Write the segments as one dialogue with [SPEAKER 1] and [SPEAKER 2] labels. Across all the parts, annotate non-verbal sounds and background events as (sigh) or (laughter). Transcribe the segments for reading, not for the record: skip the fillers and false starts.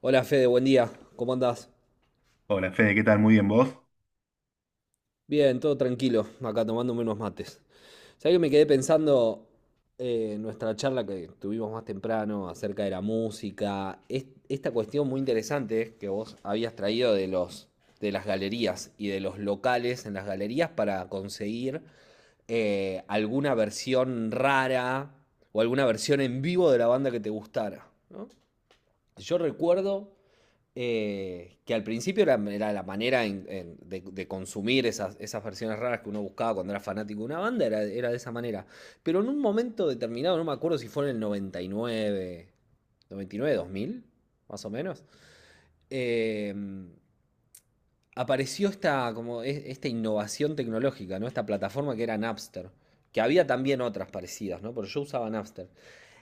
[SPEAKER 1] Hola Fede, buen día. ¿Cómo andás?
[SPEAKER 2] Hola Fede, ¿qué tal? Muy bien, ¿vos?
[SPEAKER 1] Bien, todo tranquilo, acá tomándome unos mates. ¿Sabés que me quedé pensando en nuestra charla que tuvimos más temprano acerca de la música? Esta cuestión muy interesante que vos habías traído de las galerías y de los locales en las galerías para conseguir alguna versión rara o alguna versión en vivo de la banda que te gustara, ¿no? Yo recuerdo que al principio era la manera de consumir esas versiones raras que uno buscaba cuando era fanático de una banda, era de esa manera. Pero en un momento determinado, no me acuerdo si fue en el noventa y nueve noventa y nueve dos mil más o menos, eh, apareció esta, como, esta innovación tecnológica, ¿no? Esta plataforma que era Napster, que había también otras parecidas, ¿no? Pero yo usaba Napster.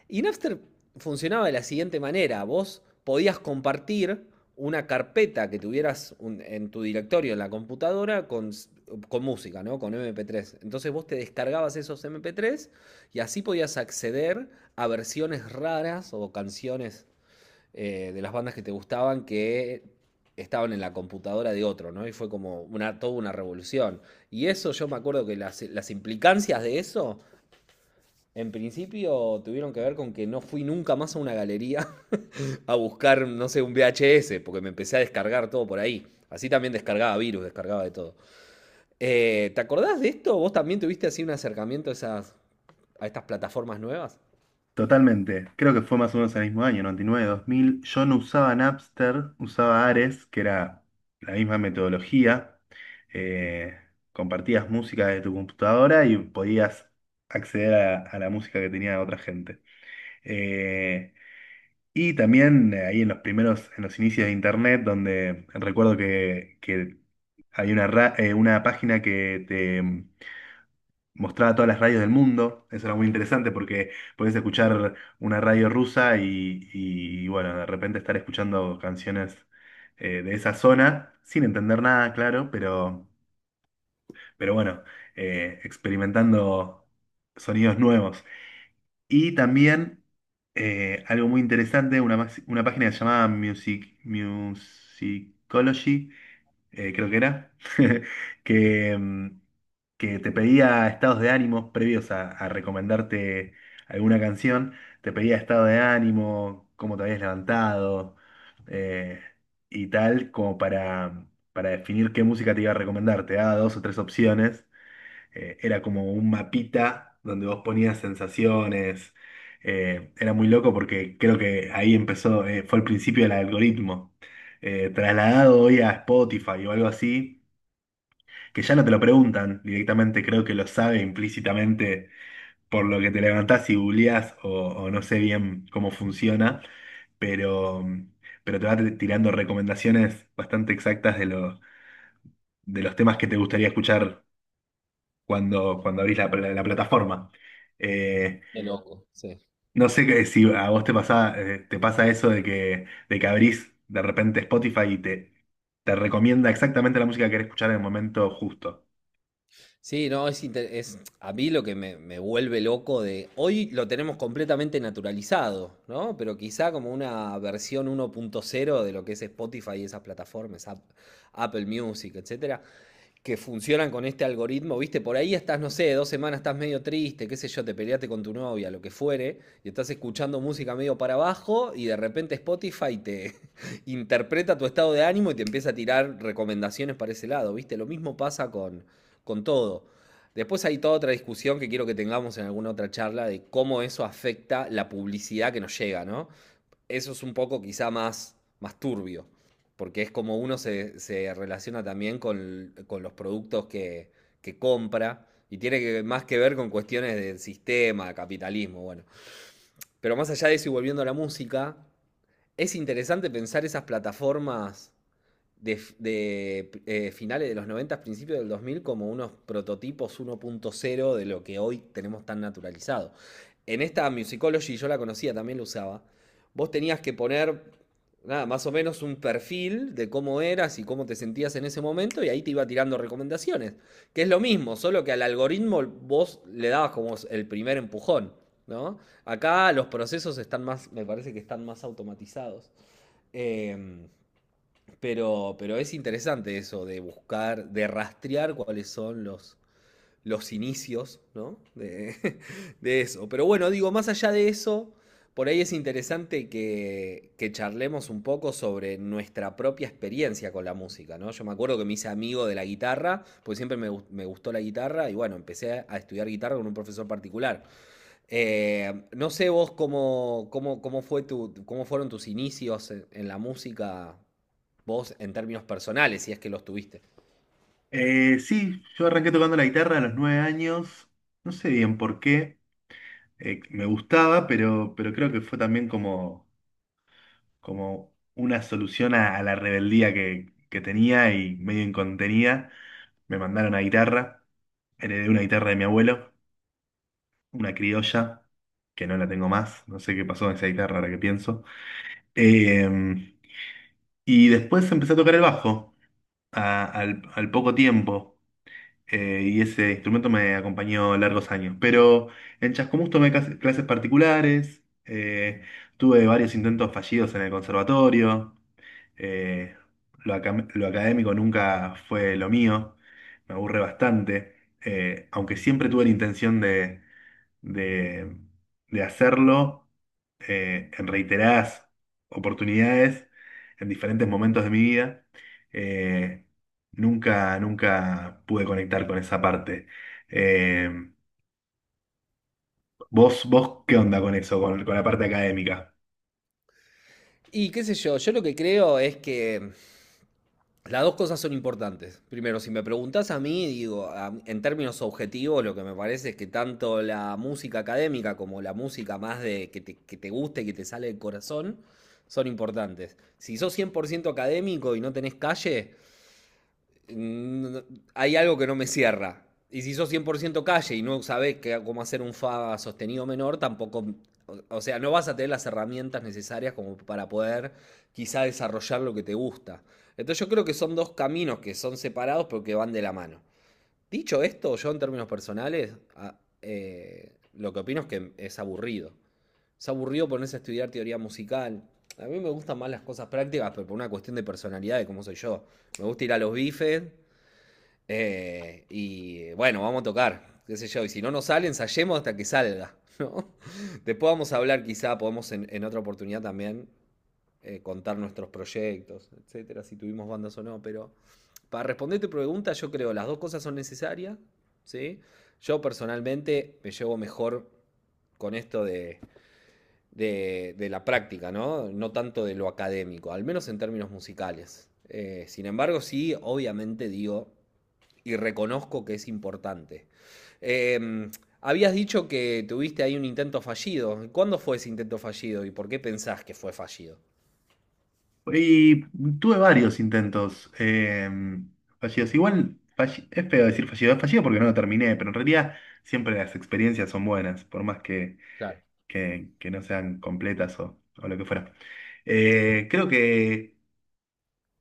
[SPEAKER 1] Y Napster funcionaba de la siguiente manera. Vos podías compartir una carpeta que tuvieras en tu directorio en la computadora con música, ¿no? Con MP3. Entonces vos te descargabas esos MP3 y así podías acceder a versiones raras o canciones de las bandas que te gustaban que estaban en la computadora de otro, ¿no? Y fue como toda una revolución. Y eso yo me acuerdo que las implicancias de eso en principio tuvieron que ver con que no fui nunca más a una galería (laughs) a buscar, no sé, un VHS, porque me empecé a descargar todo por ahí. Así también descargaba virus, descargaba de todo. ¿Te acordás de esto? ¿Vos también tuviste así un acercamiento a estas plataformas nuevas?
[SPEAKER 2] Totalmente. Creo que fue más o menos el mismo año, noventa y nueve, 2000. Yo no usaba Napster, usaba Ares, que era la misma metodología. Eh, Compartías música de tu computadora y podías acceder a la música que tenía otra gente. Eh, y también ahí en los primeros, en los inicios de Internet, donde recuerdo que había una página que te mostraba todas las radios del mundo. Eso era muy interesante porque podés escuchar una radio rusa y, bueno, de repente estar escuchando canciones de esa zona sin entender nada, claro, pero bueno, experimentando sonidos nuevos. Y también algo muy interesante, una página que se llamaba Musicology, creo que era, (laughs) que, mm, que te pedía estados de ánimo previos a recomendarte alguna canción, te pedía estado de ánimo, cómo te habías levantado, eh, y tal, como para definir qué música te iba a recomendar. Te daba dos o tres opciones, era como un mapita donde vos ponías sensaciones. Era muy loco porque creo que ahí empezó. Fue el principio del algoritmo. Trasladado hoy a Spotify o algo así, que ya no te lo preguntan directamente. Creo que lo sabe implícitamente por lo que te levantás y googleás, o no sé bien cómo funciona, pero, pero te va tirando recomendaciones bastante exactas de los temas que te gustaría escuchar cuando abrís la plataforma. Eh,
[SPEAKER 1] Qué loco, sí.
[SPEAKER 2] no sé si a vos te pasa eso de que abrís de repente Spotify y te recomienda exactamente la música que querés escuchar en el momento justo.
[SPEAKER 1] Sí, no, es a mí lo que me vuelve loco de... Hoy lo tenemos completamente naturalizado, ¿no? Pero quizá como una versión 1.0 de lo que es Spotify y esas plataformas, Apple Music, etcétera, que funcionan con este algoritmo, viste, por ahí estás, no sé, 2 semanas estás medio triste, qué sé yo, te peleaste con tu novia, lo que fuere, y estás escuchando música medio para abajo y de repente Spotify te (laughs) interpreta tu estado de ánimo y te empieza a tirar recomendaciones para ese lado, viste, lo mismo pasa con todo. Después hay toda otra discusión que quiero que tengamos en alguna otra charla de cómo eso afecta la publicidad que nos llega, ¿no? Eso es un poco quizá más turbio, porque es como uno se relaciona también con los productos que compra y tiene que, más que ver con cuestiones del sistema, de capitalismo, bueno. Pero más allá de eso y volviendo a la música, es interesante pensar esas plataformas finales de los 90 principios del 2000 como unos prototipos 1.0 de lo que hoy tenemos tan naturalizado. En esta Musicology, yo la conocía, también la usaba, vos tenías que poner nada, más o menos un perfil de cómo eras y cómo te sentías en ese momento y ahí te iba tirando recomendaciones, que es lo mismo, solo que al algoritmo vos le dabas como el primer empujón. ¿No? Acá los procesos están más, me parece que están más automatizados. Eh, pero es interesante eso de buscar, de rastrear cuáles son los inicios, ¿no? De, (laughs) de eso. Pero bueno, digo, más allá de eso, por ahí es interesante que charlemos un poco sobre nuestra propia experiencia con la música, ¿no? Yo me acuerdo que me hice amigo de la guitarra, porque siempre me gustó la guitarra y bueno, empecé a estudiar guitarra con un profesor particular. No sé vos cómo fueron tus inicios en la música, vos en términos personales, si es que los tuviste.
[SPEAKER 2] Sí, yo arranqué tocando la guitarra a los 9 años, no sé bien por qué, me gustaba, pero creo que fue también como una solución a la rebeldía que tenía y medio incontenida. Me mandaron a guitarra, heredé una guitarra de mi abuelo, una criolla, que no la tengo más, no sé qué pasó con esa guitarra ahora que pienso. Eh, y después empecé a tocar el bajo al poco tiempo, y ese instrumento me acompañó largos años. Pero en Chascomús tomé clases particulares. Tuve varios intentos fallidos en el conservatorio. Eh, lo académico nunca fue lo mío, me aburre bastante, aunque siempre tuve la intención de, de hacerlo en reiteradas oportunidades, en diferentes momentos de mi vida, eh, nunca, nunca pude conectar con esa parte. Eh, ¿vos qué onda con eso, con la parte académica?
[SPEAKER 1] Y qué sé yo, yo lo que creo es que las dos cosas son importantes. Primero, si me preguntás a mí, digo, en términos objetivos, lo que me parece es que tanto la música académica como la música más de que que te guste, y que te sale del corazón, son importantes. Si sos 100% académico y no tenés calle, mm, hay algo que no me cierra. Y si sos 100% calle y no sabés cómo hacer un fa sostenido menor, tampoco, o sea, no vas a tener las herramientas necesarias como para poder quizá desarrollar lo que te gusta. Entonces yo creo que son dos caminos que son separados pero que van de la mano. Dicho esto, yo en términos personales, lo que opino es que es aburrido. Es aburrido ponerse a estudiar teoría musical. A mí me gustan más las cosas prácticas, pero por una cuestión de personalidad, de cómo soy yo. Me gusta ir a los bifes y bueno, vamos a tocar, qué sé yo. Y si no nos sale, ensayemos hasta que salga, ¿no? (laughs) Después vamos a hablar, quizá podemos en otra oportunidad también contar nuestros proyectos, etcétera, si tuvimos bandas o no. Pero para responder tu pregunta, yo creo las dos cosas son necesarias, ¿sí? Yo personalmente me llevo mejor con esto de la práctica, ¿no? No tanto de lo académico, al menos en términos musicales. Sin embargo, sí, obviamente digo, y reconozco que es importante. Eh, habías dicho que tuviste ahí un intento fallido. ¿Cuándo fue ese intento fallido y por qué pensás que fue fallido?
[SPEAKER 2] Y tuve varios intentos, fallidos. Igual es feo decir fallido, es fallido porque no lo terminé, pero en realidad siempre las experiencias son buenas, por más que,
[SPEAKER 1] Claro.
[SPEAKER 2] que no sean completas, o lo que fuera. Creo que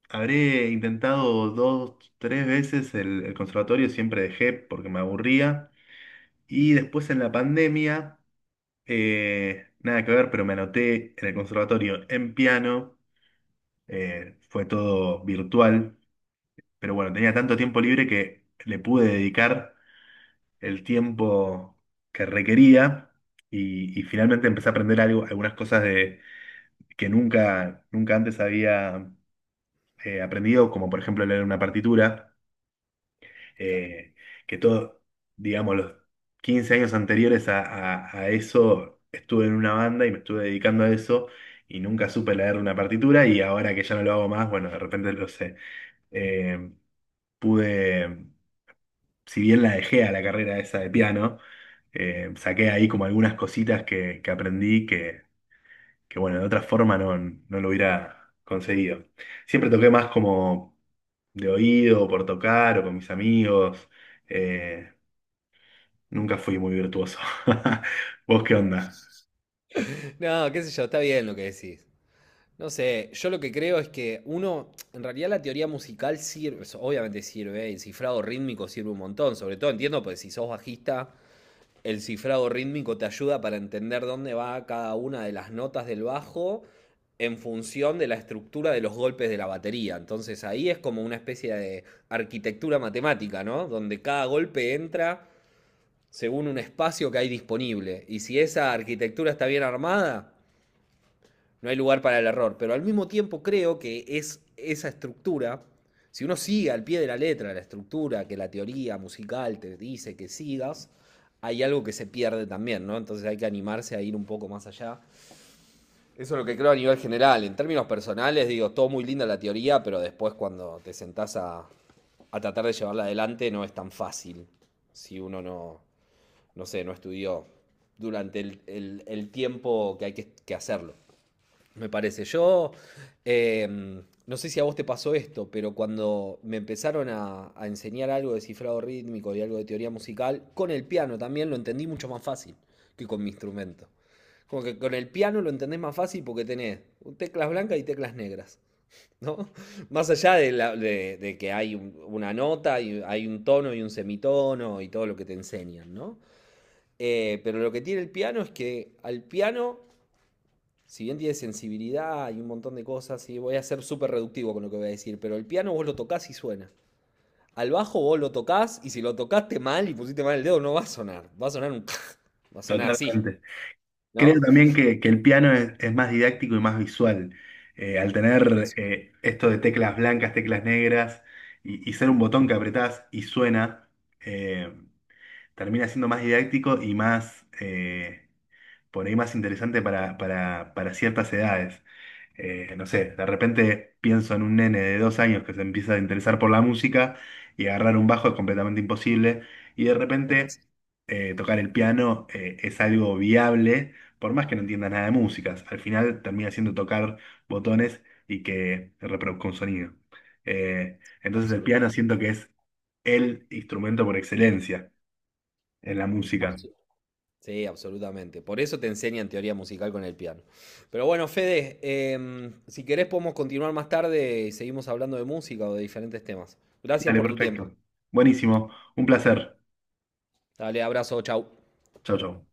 [SPEAKER 2] habré intentado dos, tres veces el conservatorio, siempre dejé porque me aburría. Y después en la pandemia, nada que ver, pero me anoté en el conservatorio en piano, fue todo virtual. Pero bueno, tenía tanto tiempo libre que le pude dedicar el tiempo que requería, y finalmente empecé a aprender algunas cosas que nunca, nunca antes había aprendido, como por ejemplo leer una partitura,
[SPEAKER 1] Claro.
[SPEAKER 2] eh, que todo, digamos, los 15 años anteriores a eso estuve en una banda y me estuve dedicando a eso, y nunca supe leer una partitura, y ahora que ya no lo hago más, bueno, de repente lo sé. eh, Pude, si bien la dejé a la carrera esa de piano, saqué ahí como algunas cositas que aprendí, que, bueno, de otra forma no lo hubiera conseguido. Siempre toqué más como de oído, por tocar o con mis amigos. eh, Nunca fui muy virtuoso. (laughs) ¿Vos qué onda?
[SPEAKER 1] No, qué sé yo, está bien lo que decís. No sé, yo lo que creo es que uno, en realidad la teoría musical sirve, obviamente sirve, el cifrado rítmico sirve un montón, sobre todo entiendo, pues si sos bajista, el cifrado rítmico te ayuda para entender dónde va cada una de las notas del bajo en función de la estructura de los golpes de la batería. Entonces ahí es como una especie de arquitectura matemática, ¿no? Donde cada golpe entra según un espacio que hay disponible. Y si esa arquitectura está bien armada, no hay lugar para el error, pero al mismo tiempo creo que es esa estructura, si uno sigue al pie de la letra la estructura que la teoría musical te dice que sigas, hay algo que se pierde también, ¿no? Entonces hay que animarse a ir un poco más allá. Eso es lo que creo a nivel general. En términos personales, digo, todo muy linda la teoría, pero después cuando te sentás a tratar de llevarla adelante no es tan fácil si uno no, no sé, no estudió durante el tiempo que hay que hacerlo. Me parece. Yo no sé si a vos te pasó esto, pero cuando me empezaron a enseñar algo de cifrado rítmico y algo de teoría musical, con el piano también lo entendí mucho más fácil que con mi instrumento. Como que con el piano lo entendés más fácil porque tenés teclas blancas y teclas negras, ¿no? (laughs) Más allá de, de que hay una nota, y hay un tono y un semitono y todo lo que te enseñan, ¿no? Pero lo que tiene el piano es que al piano si bien tiene sensibilidad y un montón de cosas, y voy a ser súper reductivo con lo que voy a decir, pero el piano vos lo tocas y suena. Al bajo vos lo tocas y si lo tocaste mal y pusiste mal el dedo, no va a sonar. Va a sonar un. Va a sonar así,
[SPEAKER 2] Totalmente. Creo
[SPEAKER 1] ¿no?
[SPEAKER 2] también que el piano es más didáctico y más visual. Al tener
[SPEAKER 1] Eso,
[SPEAKER 2] esto de teclas blancas, teclas negras, y ser un botón que apretás y suena, eh, termina siendo más didáctico y más, por ahí más interesante para ciertas edades. No sé, de repente pienso en un nene de 2 años que se empieza a interesar por la música y agarrar un bajo es completamente imposible, y de
[SPEAKER 1] ¿cómo
[SPEAKER 2] repente
[SPEAKER 1] así?
[SPEAKER 2] tocar el piano es algo viable, por más que no entienda nada de músicas. Al final termina siendo tocar botones y que reproduzca un sonido. Entonces el piano
[SPEAKER 1] Absolutamente.
[SPEAKER 2] siento que es el instrumento por excelencia en la música.
[SPEAKER 1] Absu- Sí, absolutamente. Por eso te enseñan teoría musical con el piano. Pero bueno, Fede, si querés podemos continuar más tarde y seguimos hablando de música o de diferentes temas. Gracias
[SPEAKER 2] Dale,
[SPEAKER 1] por tu tiempo.
[SPEAKER 2] perfecto. Buenísimo. Un placer.
[SPEAKER 1] Dale, abrazo, chau.
[SPEAKER 2] Chau, chau.